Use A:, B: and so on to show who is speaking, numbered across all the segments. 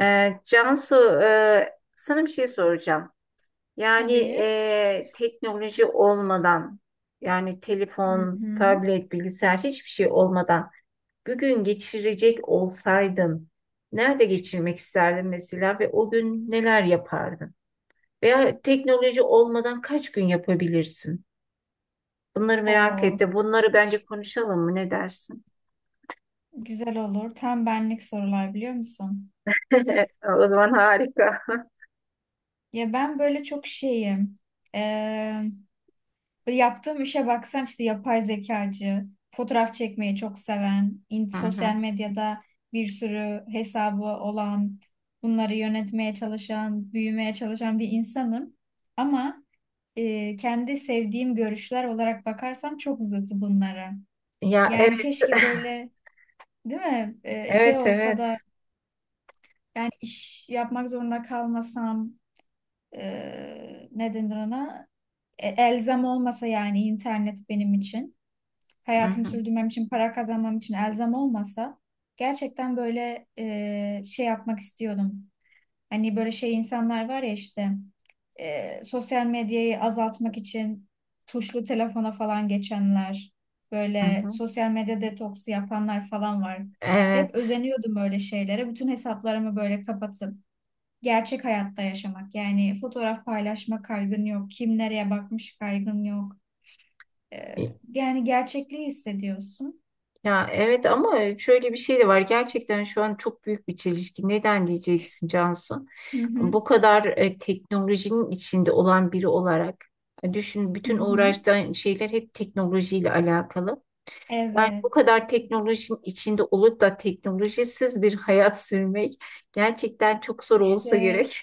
A: Cansu, sana bir şey soracağım. Yani
B: Tabii.
A: teknoloji olmadan, yani
B: Hı
A: telefon,
B: hı.
A: tablet, bilgisayar hiçbir şey olmadan bir gün geçirecek olsaydın, nerede geçirmek isterdin mesela ve o gün neler yapardın? Veya teknoloji olmadan kaç gün yapabilirsin? Bunları merak
B: O
A: ettim. Bunları bence konuşalım mı? Ne dersin?
B: güzel olur. Tam benlik sorular biliyor musun?
A: O zaman harika.
B: Ya ben böyle çok şeyim. Ee, yaptığım işe baksan işte yapay zekacı, fotoğraf çekmeyi çok seven,
A: Hı hı.
B: sosyal medyada bir sürü hesabı olan, bunları yönetmeye çalışan, büyümeye çalışan bir insanım. Ama kendi sevdiğim görüşler olarak bakarsan çok zıt bunlara.
A: Ya evet,
B: Yani keşke böyle değil mi? Şey
A: evet,
B: olsa da
A: evet.
B: yani iş yapmak zorunda kalmasam ne denir ona? Elzem olmasa yani internet benim için,
A: Hı
B: hayatımı
A: hı.
B: sürdürmem için, para kazanmam için elzem olmasa gerçekten böyle şey yapmak istiyordum. Hani böyle şey insanlar var ya işte sosyal medyayı azaltmak için tuşlu telefona falan geçenler,
A: Hı
B: böyle
A: hı.
B: sosyal medya detoksu yapanlar falan var. Hep
A: Evet.
B: özeniyordum böyle şeylere. Bütün hesaplarımı böyle kapatıp gerçek hayatta yaşamak. Yani fotoğraf paylaşma kaygın yok. Kim nereye bakmış kaygın yok. Ee, yani gerçekliği hissediyorsun.
A: Ya evet ama şöyle bir şey de var. Gerçekten şu an çok büyük bir çelişki. Neden diyeceksin Cansu?
B: Hı hı,
A: Bu kadar teknolojinin içinde olan biri olarak düşün,
B: hı
A: bütün
B: hı.
A: uğraştığın şeyler hep teknolojiyle alakalı. Yani bu
B: Evet.
A: kadar teknolojinin içinde olup da teknolojisiz bir hayat sürmek gerçekten çok zor olsa
B: İşte
A: gerek.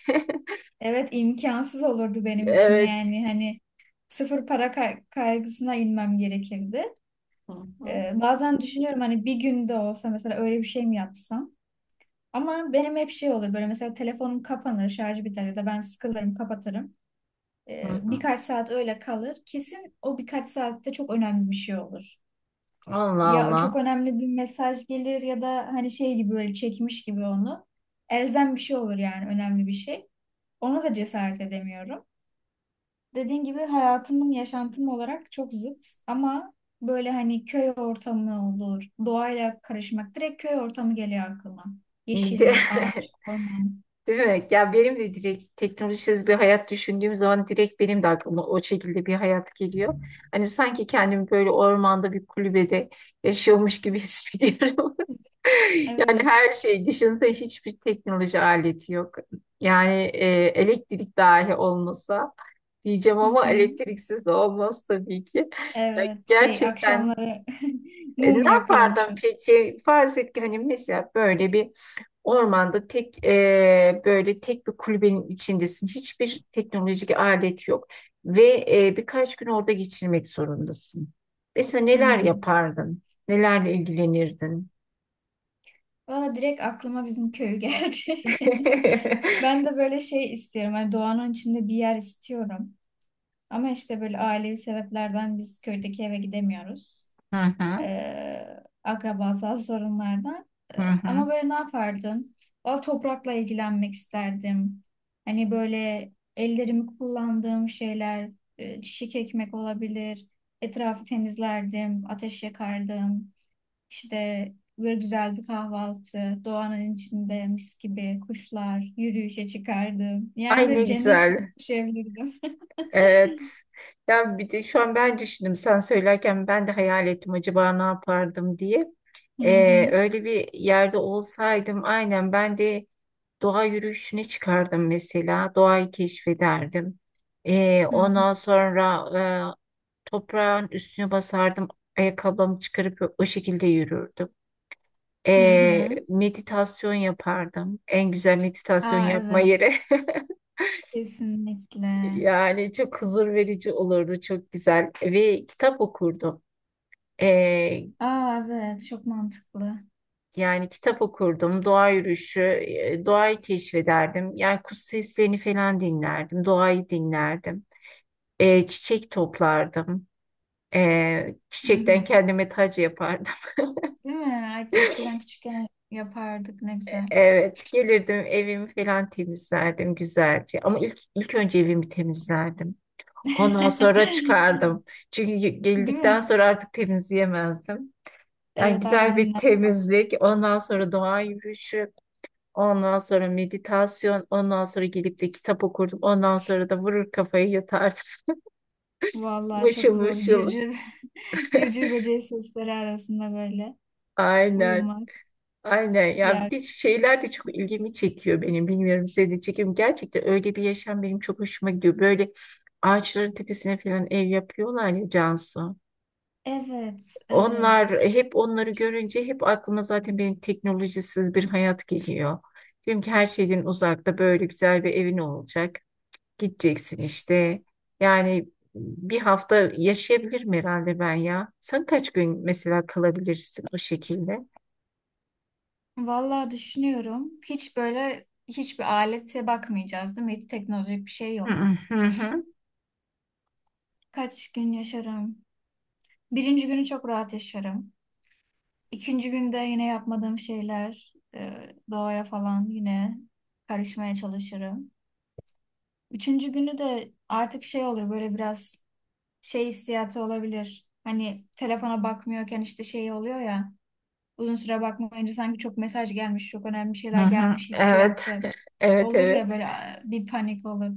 B: evet, imkansız olurdu benim için
A: Evet.
B: yani hani sıfır para kaygısına inmem gerekirdi.
A: Hı hı.
B: Bazen düşünüyorum hani bir günde olsa mesela öyle bir şey mi yapsam? Ama benim hep şey olur böyle mesela telefonum kapanır, şarjı biter ya da ben sıkılırım, kapatırım.
A: Hı hı.
B: Birkaç saat öyle kalır. Kesin o birkaç saatte çok önemli bir şey olur.
A: Allah
B: Ya çok
A: Allah.
B: önemli bir mesaj gelir ya da hani şey gibi böyle çekmiş gibi onu. Elzem bir şey olur yani önemli bir şey. Ona da cesaret edemiyorum. Dediğin gibi hayatımın yaşantım olarak çok zıt ama böyle hani köy ortamı olur. Doğayla karışmak direkt köy ortamı geliyor aklıma.
A: İyi de
B: Yeşillik, ağaç, orman.
A: Değil mi? Ya benim de direkt teknolojisiz bir hayat düşündüğüm zaman direkt benim de aklıma o şekilde bir hayat geliyor. Hani sanki kendimi böyle ormanda bir kulübede yaşıyormuş gibi hissediyorum. Yani
B: Evet.
A: her şey, düşünsene, hiçbir teknoloji aleti yok. Yani elektrik dahi olmasa diyeceğim
B: Hı
A: ama
B: hı.
A: elektriksiz de olmaz tabii ki. Ya
B: Evet, şey
A: gerçekten
B: akşamları
A: ne
B: mum
A: yapardın
B: yakıyormuşuz.
A: peki? Farz et ki hani mesela böyle bir ormanda tek böyle tek bir kulübenin içindesin. Hiçbir teknolojik alet yok ve birkaç gün orada geçirmek zorundasın. Mesela neler
B: Hmm.
A: yapardın? Nelerle ilgilenirdin?
B: Valla direkt aklıma bizim köy geldi. Ben de böyle şey istiyorum. Hani doğanın içinde bir yer istiyorum. Ama işte böyle ailevi sebeplerden biz köydeki eve gidemiyoruz.
A: Hı hı
B: Akrabasal sorunlardan.
A: hı hı.
B: Ama böyle ne yapardım? Valla toprakla ilgilenmek isterdim. Hani böyle ellerimi kullandığım şeyler, çiçek ekmek olabilir. Etrafı temizlerdim, ateş yakardım. İşte böyle güzel bir kahvaltı, doğanın içinde mis gibi kuşlar, yürüyüşe çıkardım. Yani
A: Ay ne
B: böyle cennet gibi
A: güzel.
B: yaşayabilirdim.
A: Evet. Ya bir de şu an ben düşündüm. Sen söylerken ben de hayal ettim acaba ne yapardım diye.
B: Hı hı.
A: Öyle bir yerde olsaydım aynen ben de doğa yürüyüşüne çıkardım mesela. Doğayı keşfederdim.
B: Hı hı.
A: Ondan sonra e, toprağın üstüne basardım. Ayakkabımı çıkarıp o şekilde yürürdüm.
B: Hı hı.
A: Meditasyon yapardım. En güzel meditasyon
B: Aa
A: yapma
B: evet.
A: yeri.
B: Kesinlikle.
A: Yani çok huzur verici olurdu, çok güzel. Ve kitap okurdum. Ee,
B: Aa evet. Çok mantıklı.
A: Yani kitap okurdum, doğa yürüyüşü, doğayı keşfederdim. Yani kuş seslerini falan dinlerdim, doğayı dinlerdim. Çiçek toplardım.
B: Hı
A: Çiçekten
B: hı.
A: kendime tac yapardım.
B: Değil mi? Ay, eskiden küçükken yapardık. Ne güzel.
A: Evet, gelirdim, evimi falan temizlerdim güzelce. Ama ilk önce evimi temizlerdim. Ondan sonra çıkardım. Çünkü
B: Değil
A: geldikten
B: mi?
A: sonra artık temizleyemezdim. Yani
B: Evet, artık
A: güzel bir
B: dinlen.
A: temizlik, ondan sonra doğa yürüyüşü, ondan sonra meditasyon, ondan sonra gelip de kitap okurdum. Ondan sonra da vurur kafayı yatardım.
B: Vallahi
A: Mışıl
B: çok güzel oldu.
A: mışıl.
B: Cırcır, cırcır böceği sesleri arasında böyle
A: Aynen.
B: uyumak.
A: Aynen. Ya
B: Ya
A: bir de şeyler de çok ilgimi çekiyor benim. Bilmiyorum, seni çekiyor mu? Gerçekten öyle bir yaşam benim çok hoşuma gidiyor. Böyle ağaçların tepesine falan ev yapıyorlar ya Cansu.
B: evet,
A: Onlar
B: evet.
A: hep onları görünce hep aklıma zaten benim teknolojisiz bir hayat geliyor. Diyorum ki her şeyden uzakta böyle güzel bir evin olacak. Gideceksin işte. Yani bir hafta yaşayabilirim herhalde ben ya. Sen kaç gün mesela kalabilirsin o şekilde?
B: Vallahi düşünüyorum. Hiç böyle hiçbir alete bakmayacağız, değil mi? Hiç teknolojik bir şey
A: Hı
B: yok.
A: hı hı
B: Kaç gün yaşarım? Birinci günü çok rahat yaşarım. İkinci günde yine yapmadığım şeyler, doğaya falan yine karışmaya çalışırım. Üçüncü günü de artık şey olur böyle biraz şey hissiyatı olabilir. Hani telefona bakmıyorken işte şey oluyor ya. Uzun süre bakmayınca sanki çok mesaj gelmiş, çok önemli
A: hı.
B: şeyler
A: Hı.
B: gelmiş
A: Evet,
B: hissiyatı
A: evet,
B: olur ya
A: evet.
B: böyle "Aa," bir panik olur.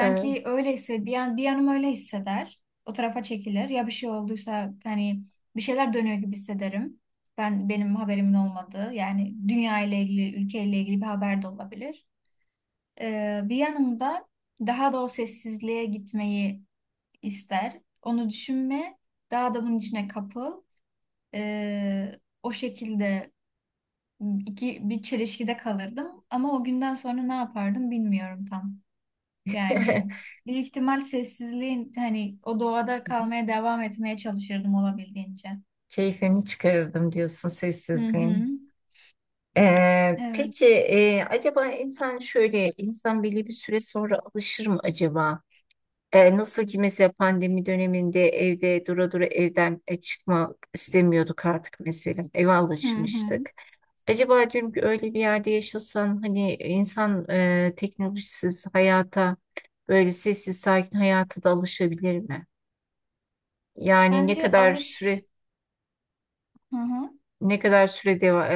A: Evet.
B: öyleyse bir yanım öyle hisseder. O tarafa çekilir. Ya bir şey olduysa hani bir şeyler dönüyor gibi hissederim. Benim haberimin olmadığı yani dünya ile ilgili, ülke ile ilgili bir haber de olabilir. Bir yanımda daha da o sessizliğe gitmeyi ister. Onu düşünme, daha da bunun içine kapıl. Ee, o şekilde bir çelişkide kalırdım. Ama o günden sonra ne yapardım bilmiyorum tam. Yani büyük ihtimal sessizliğin hani o doğada kalmaya devam etmeye çalışırdım olabildiğince.
A: Keyfini çıkarırdım diyorsun
B: Hı hı.
A: sessizliğin. Peki
B: Evet.
A: acaba insan şöyle, insan belli bir süre sonra alışır mı acaba? Nasıl ki mesela pandemi döneminde evde dura dura evden çıkmak istemiyorduk artık, mesela eve
B: Hı hı.
A: alışmıştık. Acaba diyorum ki öyle bir yerde yaşasan hani insan teknolojisiz hayata, böyle sessiz sakin hayata da alışabilir mi? Yani
B: Bence alış. Hı hı.
A: ne kadar süre deva-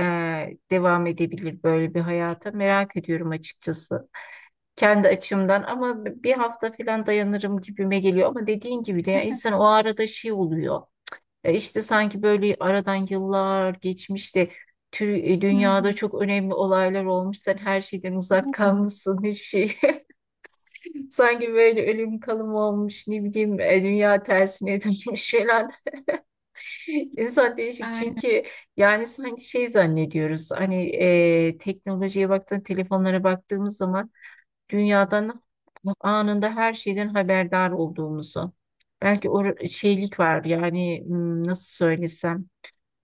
A: e, devam edebilir böyle bir hayata, merak ediyorum açıkçası. Kendi açımdan ama bir hafta falan dayanırım gibime geliyor, ama dediğin gibi de ya insan o arada şey oluyor ya, işte sanki böyle aradan yıllar geçmiş de
B: Hı hı.
A: dünyada çok önemli olaylar olmuş, sen her şeyden uzak kalmışsın, hiçbir şey sanki böyle ölüm kalım olmuş, ne bileyim, dünya tersine dönmüş falan, insan değişik
B: Aynen.
A: çünkü. Yani sanki şey zannediyoruz, hani teknolojiye baktığın, telefonlara baktığımız zaman dünyadan anında her şeyden haberdar olduğumuzu. Belki şeylik var yani, nasıl söylesem,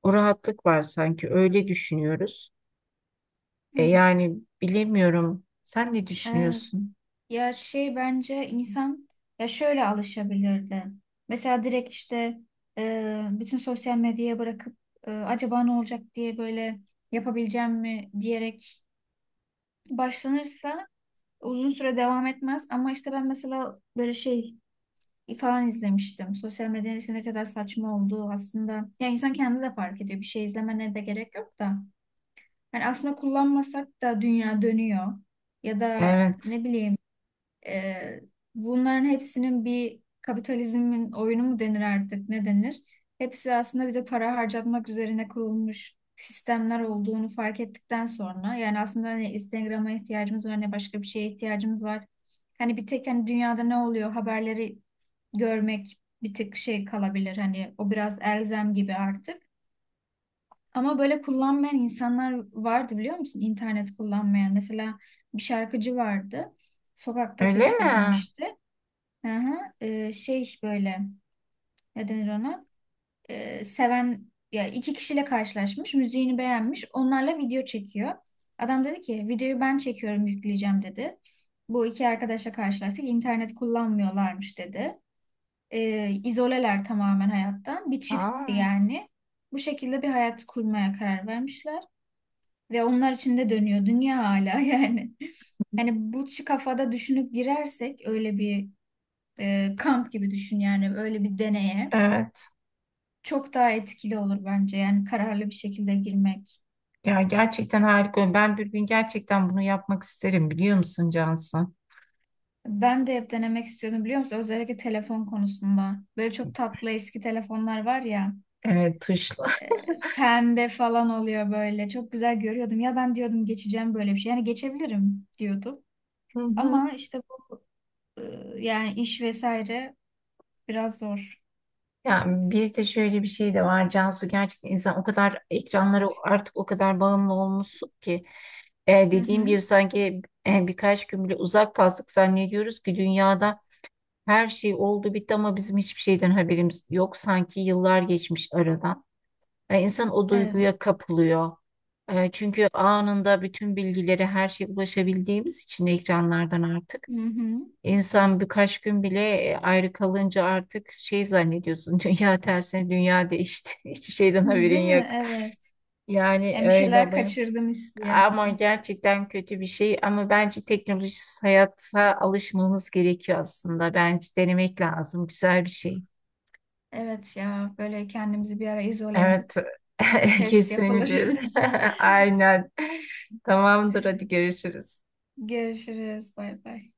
A: o rahatlık var sanki, öyle düşünüyoruz.
B: Hı.
A: E yani bilemiyorum. Sen ne
B: Evet.
A: düşünüyorsun?
B: Ya şey bence insan ya şöyle alışabilirdi. Mesela direkt işte bütün sosyal medyaya bırakıp acaba ne olacak diye böyle yapabileceğim mi diyerek başlanırsa uzun süre devam etmez. Ama işte ben mesela böyle şey falan izlemiştim. Sosyal medyanın işte ne kadar saçma olduğu aslında. Ya insan kendi de fark ediyor. Bir şey izlemene de gerek yok da. Yani aslında kullanmasak da dünya dönüyor. Ya da
A: Evet.
B: ne bileyim ee, bunların hepsinin bir kapitalizmin oyunu mu denir artık ne denir? Hepsi aslında bize para harcatmak üzerine kurulmuş sistemler olduğunu fark ettikten sonra yani aslında hani Instagram'a ihtiyacımız var ne başka bir şeye ihtiyacımız var. Hani bir tek hani dünyada ne oluyor haberleri görmek bir tek şey kalabilir hani o biraz elzem gibi artık. Ama böyle kullanmayan insanlar vardı biliyor musun? İnternet kullanmayan. Mesela bir şarkıcı vardı. Sokakta
A: Öyle mi?
B: keşfedilmişti. Aha, şey böyle ne denir ona? Seven ya iki kişiyle karşılaşmış, müziğini beğenmiş, onlarla video çekiyor. Adam dedi ki videoyu ben çekiyorum yükleyeceğim dedi. Bu iki arkadaşla karşılaştık. İnternet kullanmıyorlarmış dedi. İzoleler tamamen hayattan. Bir çiftti
A: Aa,
B: yani. Bu şekilde bir hayat kurmaya karar vermişler. Ve onlar için de dönüyor dünya hala yani. Hani bu kafada düşünüp girersek öyle bir kamp gibi düşün yani öyle bir deneye.
A: evet.
B: Çok daha etkili olur bence yani kararlı bir şekilde girmek.
A: Ya gerçekten harika. Ben bir gün gerçekten bunu yapmak isterim biliyor musun Cansu?
B: Ben de hep denemek istiyordum biliyor musun? Özellikle telefon konusunda. Böyle çok tatlı eski telefonlar var ya.
A: Evet, tuşla.
B: Pembe falan oluyor böyle. Çok güzel görüyordum. Ya ben diyordum geçeceğim böyle bir şey. Yani geçebilirim diyordum. Ama işte bu yani iş vesaire biraz zor.
A: Yani bir de şöyle bir şey de var Cansu, gerçekten insan o kadar ekranlara, artık o kadar bağımlı olmuşsun ki
B: Hı
A: dediğim
B: hı.
A: gibi sanki birkaç gün bile uzak kalsak zannediyoruz ki dünyada her şey oldu bitti ama bizim hiçbir şeyden haberimiz yok, sanki yıllar geçmiş aradan. İnsan o
B: Evet.
A: duyguya kapılıyor. Çünkü anında bütün bilgileri her şeye ulaşabildiğimiz için ekranlardan artık.
B: Hı hı.
A: İnsan birkaç gün bile ayrı kalınca artık şey zannediyorsun. Dünya tersine, dünya değişti. Hiçbir şeyden haberin
B: Değil
A: yok.
B: mi? Evet.
A: Yani
B: Yani bir şeyler
A: öyle bu.
B: kaçırdım
A: Ama
B: hissiyatı.
A: gerçekten kötü bir şey. Ama bence teknolojisiz hayata alışmamız gerekiyor aslında. Bence denemek lazım. Güzel bir şey.
B: Evet, ya böyle kendimizi bir ara izole
A: Evet.
B: edip bir test yapılır.
A: Kesinlikle. Aynen. Tamamdır. Hadi görüşürüz.
B: Görüşürüz. Bay bay.